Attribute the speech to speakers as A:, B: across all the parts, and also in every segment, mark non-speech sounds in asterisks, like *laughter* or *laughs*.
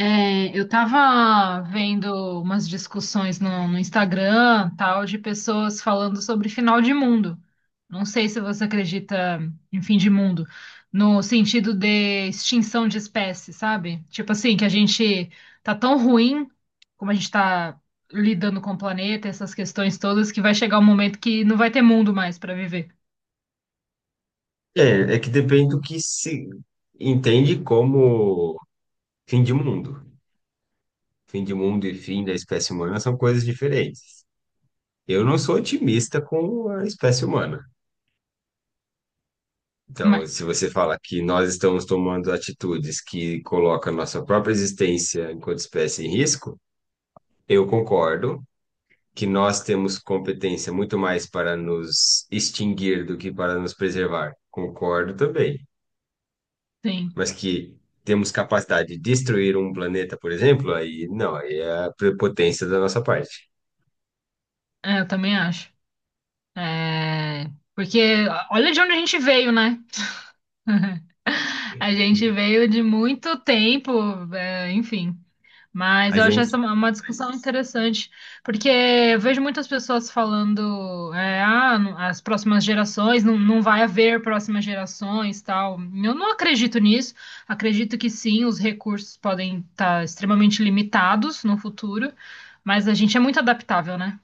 A: É, eu tava vendo umas discussões no Instagram, tal, de pessoas falando sobre final de mundo. Não sei se você acredita em fim de mundo, no sentido de extinção de espécies, sabe? Tipo assim, que a gente tá tão ruim, como a gente tá lidando com o planeta, essas questões todas, que vai chegar um momento que não vai ter mundo mais para viver.
B: É, é que depende do que se entende como fim de mundo. Fim de mundo e fim da espécie humana são coisas diferentes. Eu não sou otimista com a espécie humana. Então,
A: Mas,
B: se você fala que nós estamos tomando atitudes que colocam a nossa própria existência enquanto espécie em risco, eu concordo que nós temos competência muito mais para nos extinguir do que para nos preservar. Concordo também,
A: sim,
B: mas que temos capacidade de destruir um planeta, por exemplo, aí não, aí é a prepotência da nossa parte.
A: é, eu também acho. É, porque olha de onde a gente veio, né? *laughs* A gente veio de muito tempo, é, enfim. Mas
B: A
A: eu acho essa
B: gente,
A: uma discussão interessante, porque eu vejo muitas pessoas falando, as próximas gerações, não, não vai haver próximas gerações, tal. Eu não acredito nisso. Acredito que sim, os recursos podem estar extremamente limitados no futuro, mas a gente é muito adaptável, né?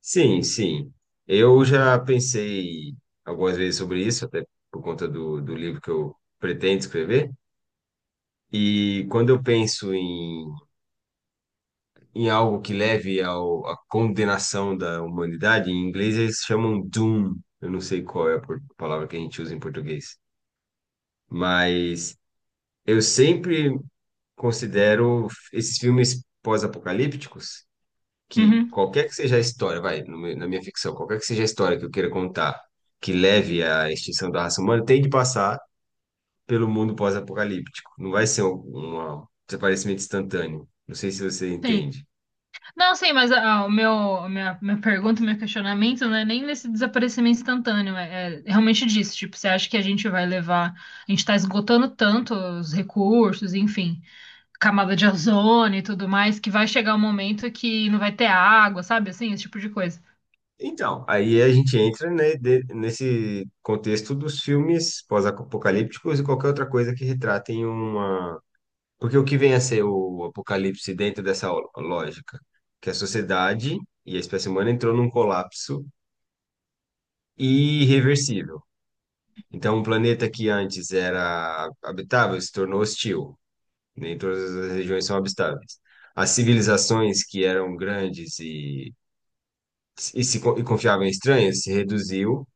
B: sim, sim. Eu já pensei algumas vezes sobre isso, até por conta do, do livro que eu pretendo escrever. E quando eu penso em, em algo que leve ao, à condenação da humanidade, em inglês eles chamam doom. Eu não sei qual é a palavra que a gente usa em português. Mas eu sempre considero esses filmes pós-apocalípticos, que
A: Uhum,
B: qualquer que seja a história, vai, no meu- na minha ficção, qualquer que seja a história que eu queira contar que leve à extinção da raça humana, tem de passar pelo mundo pós-apocalíptico. Não vai ser um desaparecimento instantâneo. Não sei se você
A: sim.
B: entende.
A: Não, sim, mas minha pergunta, meu questionamento não é nem nesse desaparecimento instantâneo, é realmente disso. Tipo, você acha que a gente vai levar, a gente tá esgotando tanto os recursos, enfim, camada de ozônio e tudo mais, que vai chegar um momento que não vai ter água, sabe? Assim, esse tipo de coisa.
B: Então, aí a gente entra, né, nesse contexto dos filmes pós-apocalípticos e qualquer outra coisa que retratem uma. Porque o que vem a ser o apocalipse dentro dessa lógica? Que a sociedade e a espécie humana entrou num colapso irreversível. Então, um planeta que antes era habitável se tornou hostil. Nem todas as regiões são habitáveis. As civilizações que eram grandes e confiavam em estranhas se reduziu.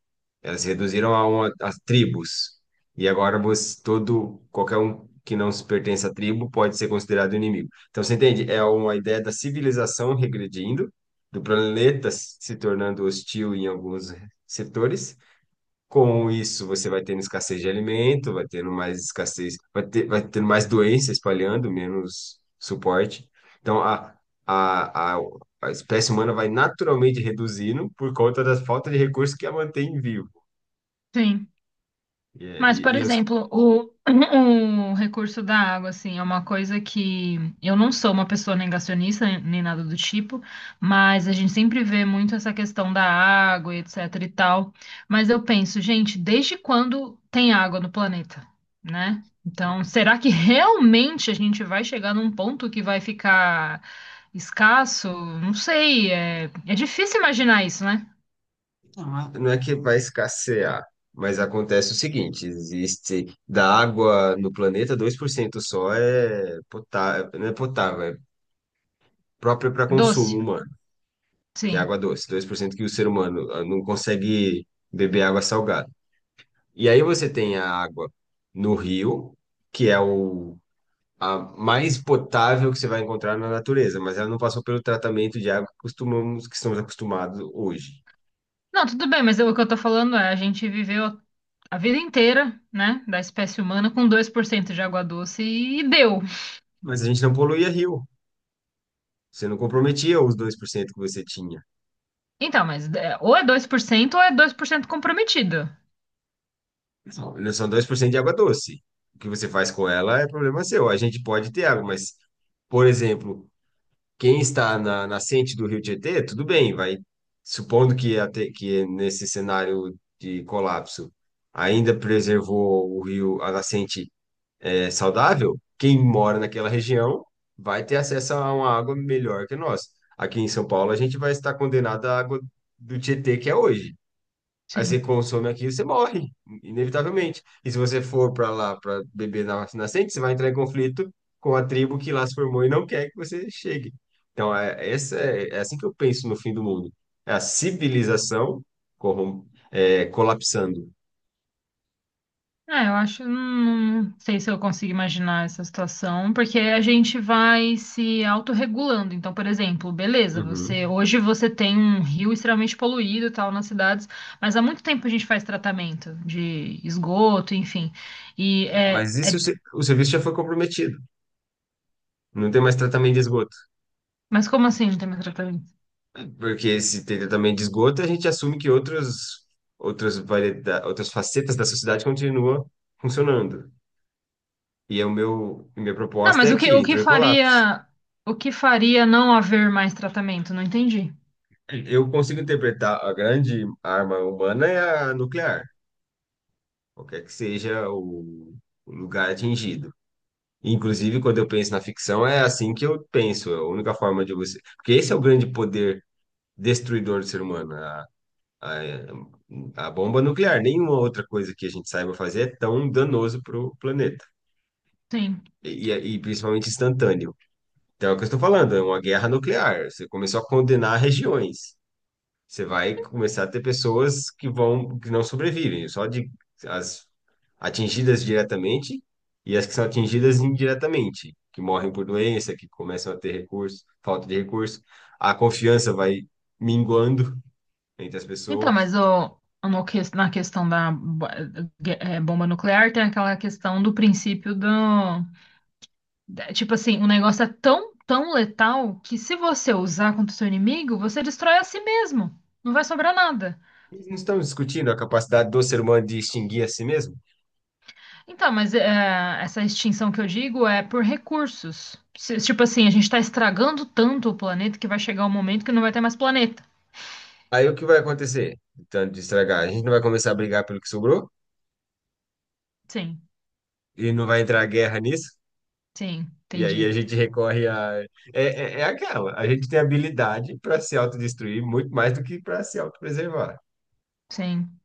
B: Elas se reduziram a, uma, a tribos. E agora você, todo, qualquer um que não se pertence à tribo pode ser considerado inimigo. Então, você entende? É uma ideia da civilização regredindo, do planeta se tornando hostil em alguns setores. Com isso, você vai tendo escassez de alimento, vai tendo mais escassez, vai ter, vai tendo mais doença espalhando, menos suporte. Então, a, a, a espécie humana vai naturalmente reduzindo por conta da falta de recursos que a mantém viva.
A: Sim.
B: E, é-
A: Mas,
B: e,
A: por
B: e eu,
A: exemplo, *clears throat* o recurso da água, assim, é uma coisa que eu não sou uma pessoa negacionista nem nada do tipo, mas a gente sempre vê muito essa questão da água, e etc e tal. Mas eu penso, gente, desde quando tem água no planeta, né? Então, será que *laughs* realmente a gente vai chegar num ponto que vai ficar escasso? Não sei, é difícil imaginar isso, né?
B: não é é que vai escassear, mas acontece o seguinte: existe da água no planeta, 2% só é potável, não é potável, é própria para consumo
A: Doce,
B: humano, que é
A: sim.
B: água doce. Dois por cento, que o ser humano não consegue beber água salgada. E aí você tem a água no rio, que é o, a mais potável que você vai encontrar na natureza, mas ela não passou pelo tratamento de água que costumamos, que estamos acostumados hoje.
A: Não, tudo bem, mas o que eu tô falando é, a gente viveu a vida inteira, né, da espécie humana com 2% de água doce e deu.
B: Mas a gente não poluía rio. Você não comprometia os 2% que você tinha.
A: Então, mas é, ou é 2% ou é 2% comprometido.
B: São 2% de água doce. O que você faz com ela é problema seu. A gente pode ter água, mas, por exemplo, quem está na nascente do Rio Tietê, tudo bem, vai. Supondo que, até, que nesse cenário de colapso ainda preservou o rio, a nascente é, saudável, quem mora naquela região vai ter acesso a uma água melhor que nós. Aqui em São Paulo, a gente vai estar condenado à água do Tietê que é hoje. Aí você
A: Sim.
B: consome aquilo, você morre, inevitavelmente. E se você for para lá para beber na Roça Nascente, você vai entrar em conflito com a tribo que lá se formou e não quer que você chegue. Então, é, essa é, é assim que eu penso no fim do mundo. É a civilização corrom é, colapsando.
A: É, eu acho, não sei se eu consigo imaginar essa situação, porque a gente vai se autorregulando. Então, por exemplo, beleza, você
B: Uhum.
A: hoje você tem um rio extremamente poluído e tal nas cidades, mas há muito tempo a gente faz tratamento de esgoto, enfim. E é,
B: Mas e se
A: é
B: o, o serviço já foi comprometido? Não tem mais tratamento de esgoto.
A: Mas como assim não tem mais tratamento?
B: Porque se tem tratamento de esgoto, a gente assume que outros, outras, variedades, outras facetas da sociedade continuam funcionando. E o meu, minha
A: Não,
B: proposta
A: mas
B: é
A: o que,
B: que
A: o que
B: entrou em colapso.
A: faria, o que faria não haver mais tratamento? Não entendi.
B: Eu consigo interpretar a grande arma humana é a nuclear, qualquer que seja o lugar atingido. Inclusive, quando eu penso na ficção, é assim que eu penso. É a única forma de você. Porque esse é o grande poder destruidor do ser humano, a bomba nuclear. Nenhuma outra coisa que a gente saiba fazer é tão danoso para o planeta,
A: Sim.
B: e principalmente instantâneo. Então, é o que eu estou falando, é uma guerra nuclear. Você começou a condenar regiões. Você vai começar a ter pessoas que vão, que não sobrevivem, só de as atingidas diretamente e as que são atingidas indiretamente, que morrem por doença, que começam a ter recurso, falta de recurso. A confiança vai minguando entre as
A: Então,
B: pessoas.
A: mas o, no que- na questão da bomba nuclear tem aquela questão do princípio tipo assim, o negócio é tão, tão letal que se você usar contra o seu inimigo, você destrói a si mesmo. Não vai sobrar nada.
B: E não estamos discutindo a capacidade do ser humano de extinguir a si mesmo.
A: Então, mas é, essa extinção que eu digo é por recursos. Tipo assim, a gente está estragando tanto o planeta que vai chegar um momento que não vai ter mais planeta.
B: Aí o que vai acontecer? Tanto de estragar, a gente não vai começar a brigar pelo que sobrou
A: Sim,
B: e não vai entrar guerra nisso.
A: sim,
B: E aí
A: entendi.
B: a gente recorre a. É, é, é aquela, a gente tem habilidade para se autodestruir muito mais do que para se autopreservar.
A: Sim.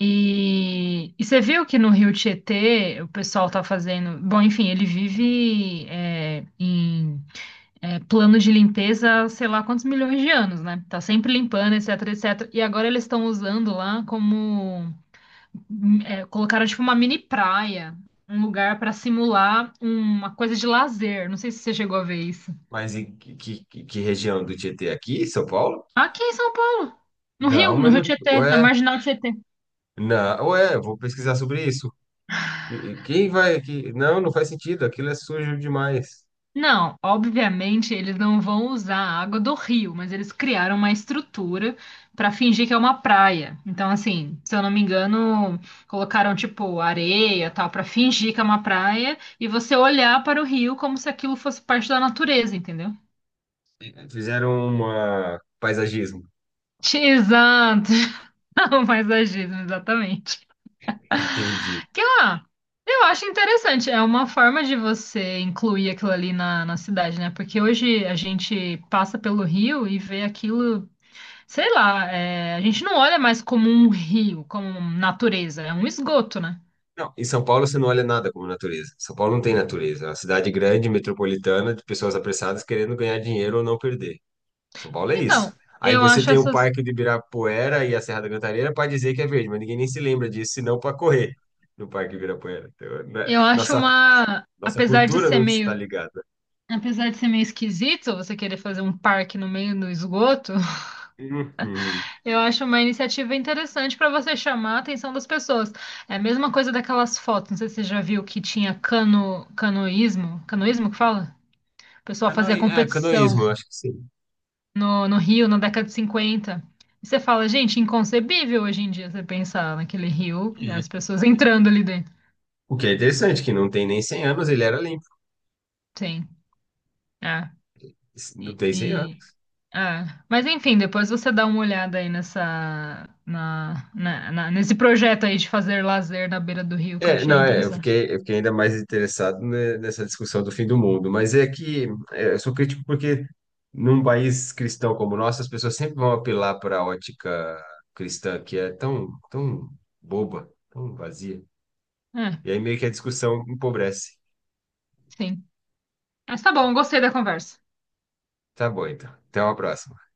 A: E você viu que no Rio Tietê o pessoal tá fazendo. Bom, enfim, ele vive em plano de limpeza, há sei lá quantos milhões de anos, né? Tá sempre limpando, etc, etc. E agora eles estão usando lá como. Colocaram tipo uma mini praia, um lugar para simular uma coisa de lazer. Não sei se você chegou a ver isso.
B: Mas em que região do Tietê aqui, São Paulo?
A: Aqui em São Paulo, no
B: Não,
A: Rio, no
B: mas
A: Rio
B: não.
A: Tietê, na
B: Ué,
A: marginal Tietê.
B: não, ué, eu vou pesquisar sobre isso. Quem vai aqui? Não, não faz sentido, aquilo é sujo demais.
A: Não, obviamente eles não vão usar a água do rio, mas eles criaram uma estrutura para fingir que é uma praia. Então, assim, se eu não me engano, colocaram tipo areia, tal, para fingir que é uma praia e você olhar para o rio como se aquilo fosse parte da natureza, entendeu?
B: Fizeram uma paisagismo.
A: *laughs* Exato. *laughs* Mais agido, exatamente.
B: Entendi.
A: Que, eu acho interessante. É uma forma de você incluir aquilo ali na cidade, né? Porque hoje a gente passa pelo rio e vê aquilo, sei lá, a gente não olha mais como um rio, como natureza, é um esgoto, né?
B: Não, em São Paulo você não olha nada como natureza. São Paulo não tem natureza. É uma cidade grande, metropolitana, de pessoas apressadas querendo ganhar dinheiro ou não perder. São Paulo é
A: Então,
B: isso. Aí
A: eu
B: você
A: acho
B: tem o
A: essas,
B: Parque do Ibirapuera e a Serra da Cantareira para dizer que é verde, mas ninguém nem se lembra disso, senão para correr no Parque do Ibirapuera. Então, né,
A: eu acho
B: nossa,
A: uma,
B: nossa
A: apesar de
B: cultura
A: ser
B: não está
A: meio,
B: ligada.
A: apesar de ser meio esquisito você querer fazer um parque no meio do esgoto,
B: Uhum.
A: eu acho uma iniciativa interessante para você chamar a atenção das pessoas. É a mesma coisa daquelas fotos, não sei se você já viu que tinha canoísmo, canoísmo que fala? O pessoal fazia
B: Canoí, é,
A: competição
B: canoísmo, eu acho que sim.
A: no Rio na década de 50. E você fala, gente, inconcebível hoje em dia você pensar naquele rio, né, as
B: É.
A: pessoas *laughs* entrando ali dentro.
B: O que é interessante, que não tem nem 100 anos, ele era limpo.
A: Sim, é.
B: Não
A: E,
B: tem 100
A: e-
B: anos.
A: É. Mas enfim, depois você dá uma olhada aí nessa, na, na- na- nesse projeto aí de fazer lazer na beira do rio que eu
B: É,
A: achei
B: não, é,
A: interessante.
B: eu fiquei ainda mais interessado nessa discussão do fim do mundo, mas é que é, eu sou crítico porque num país cristão como o nosso, as pessoas sempre vão apelar para a ótica cristã, que é tão, tão boba, tão vazia.
A: É.
B: E aí meio que a discussão empobrece.
A: Sim. Mas tá bom, gostei da conversa.
B: Tá bom, então. Até uma próxima.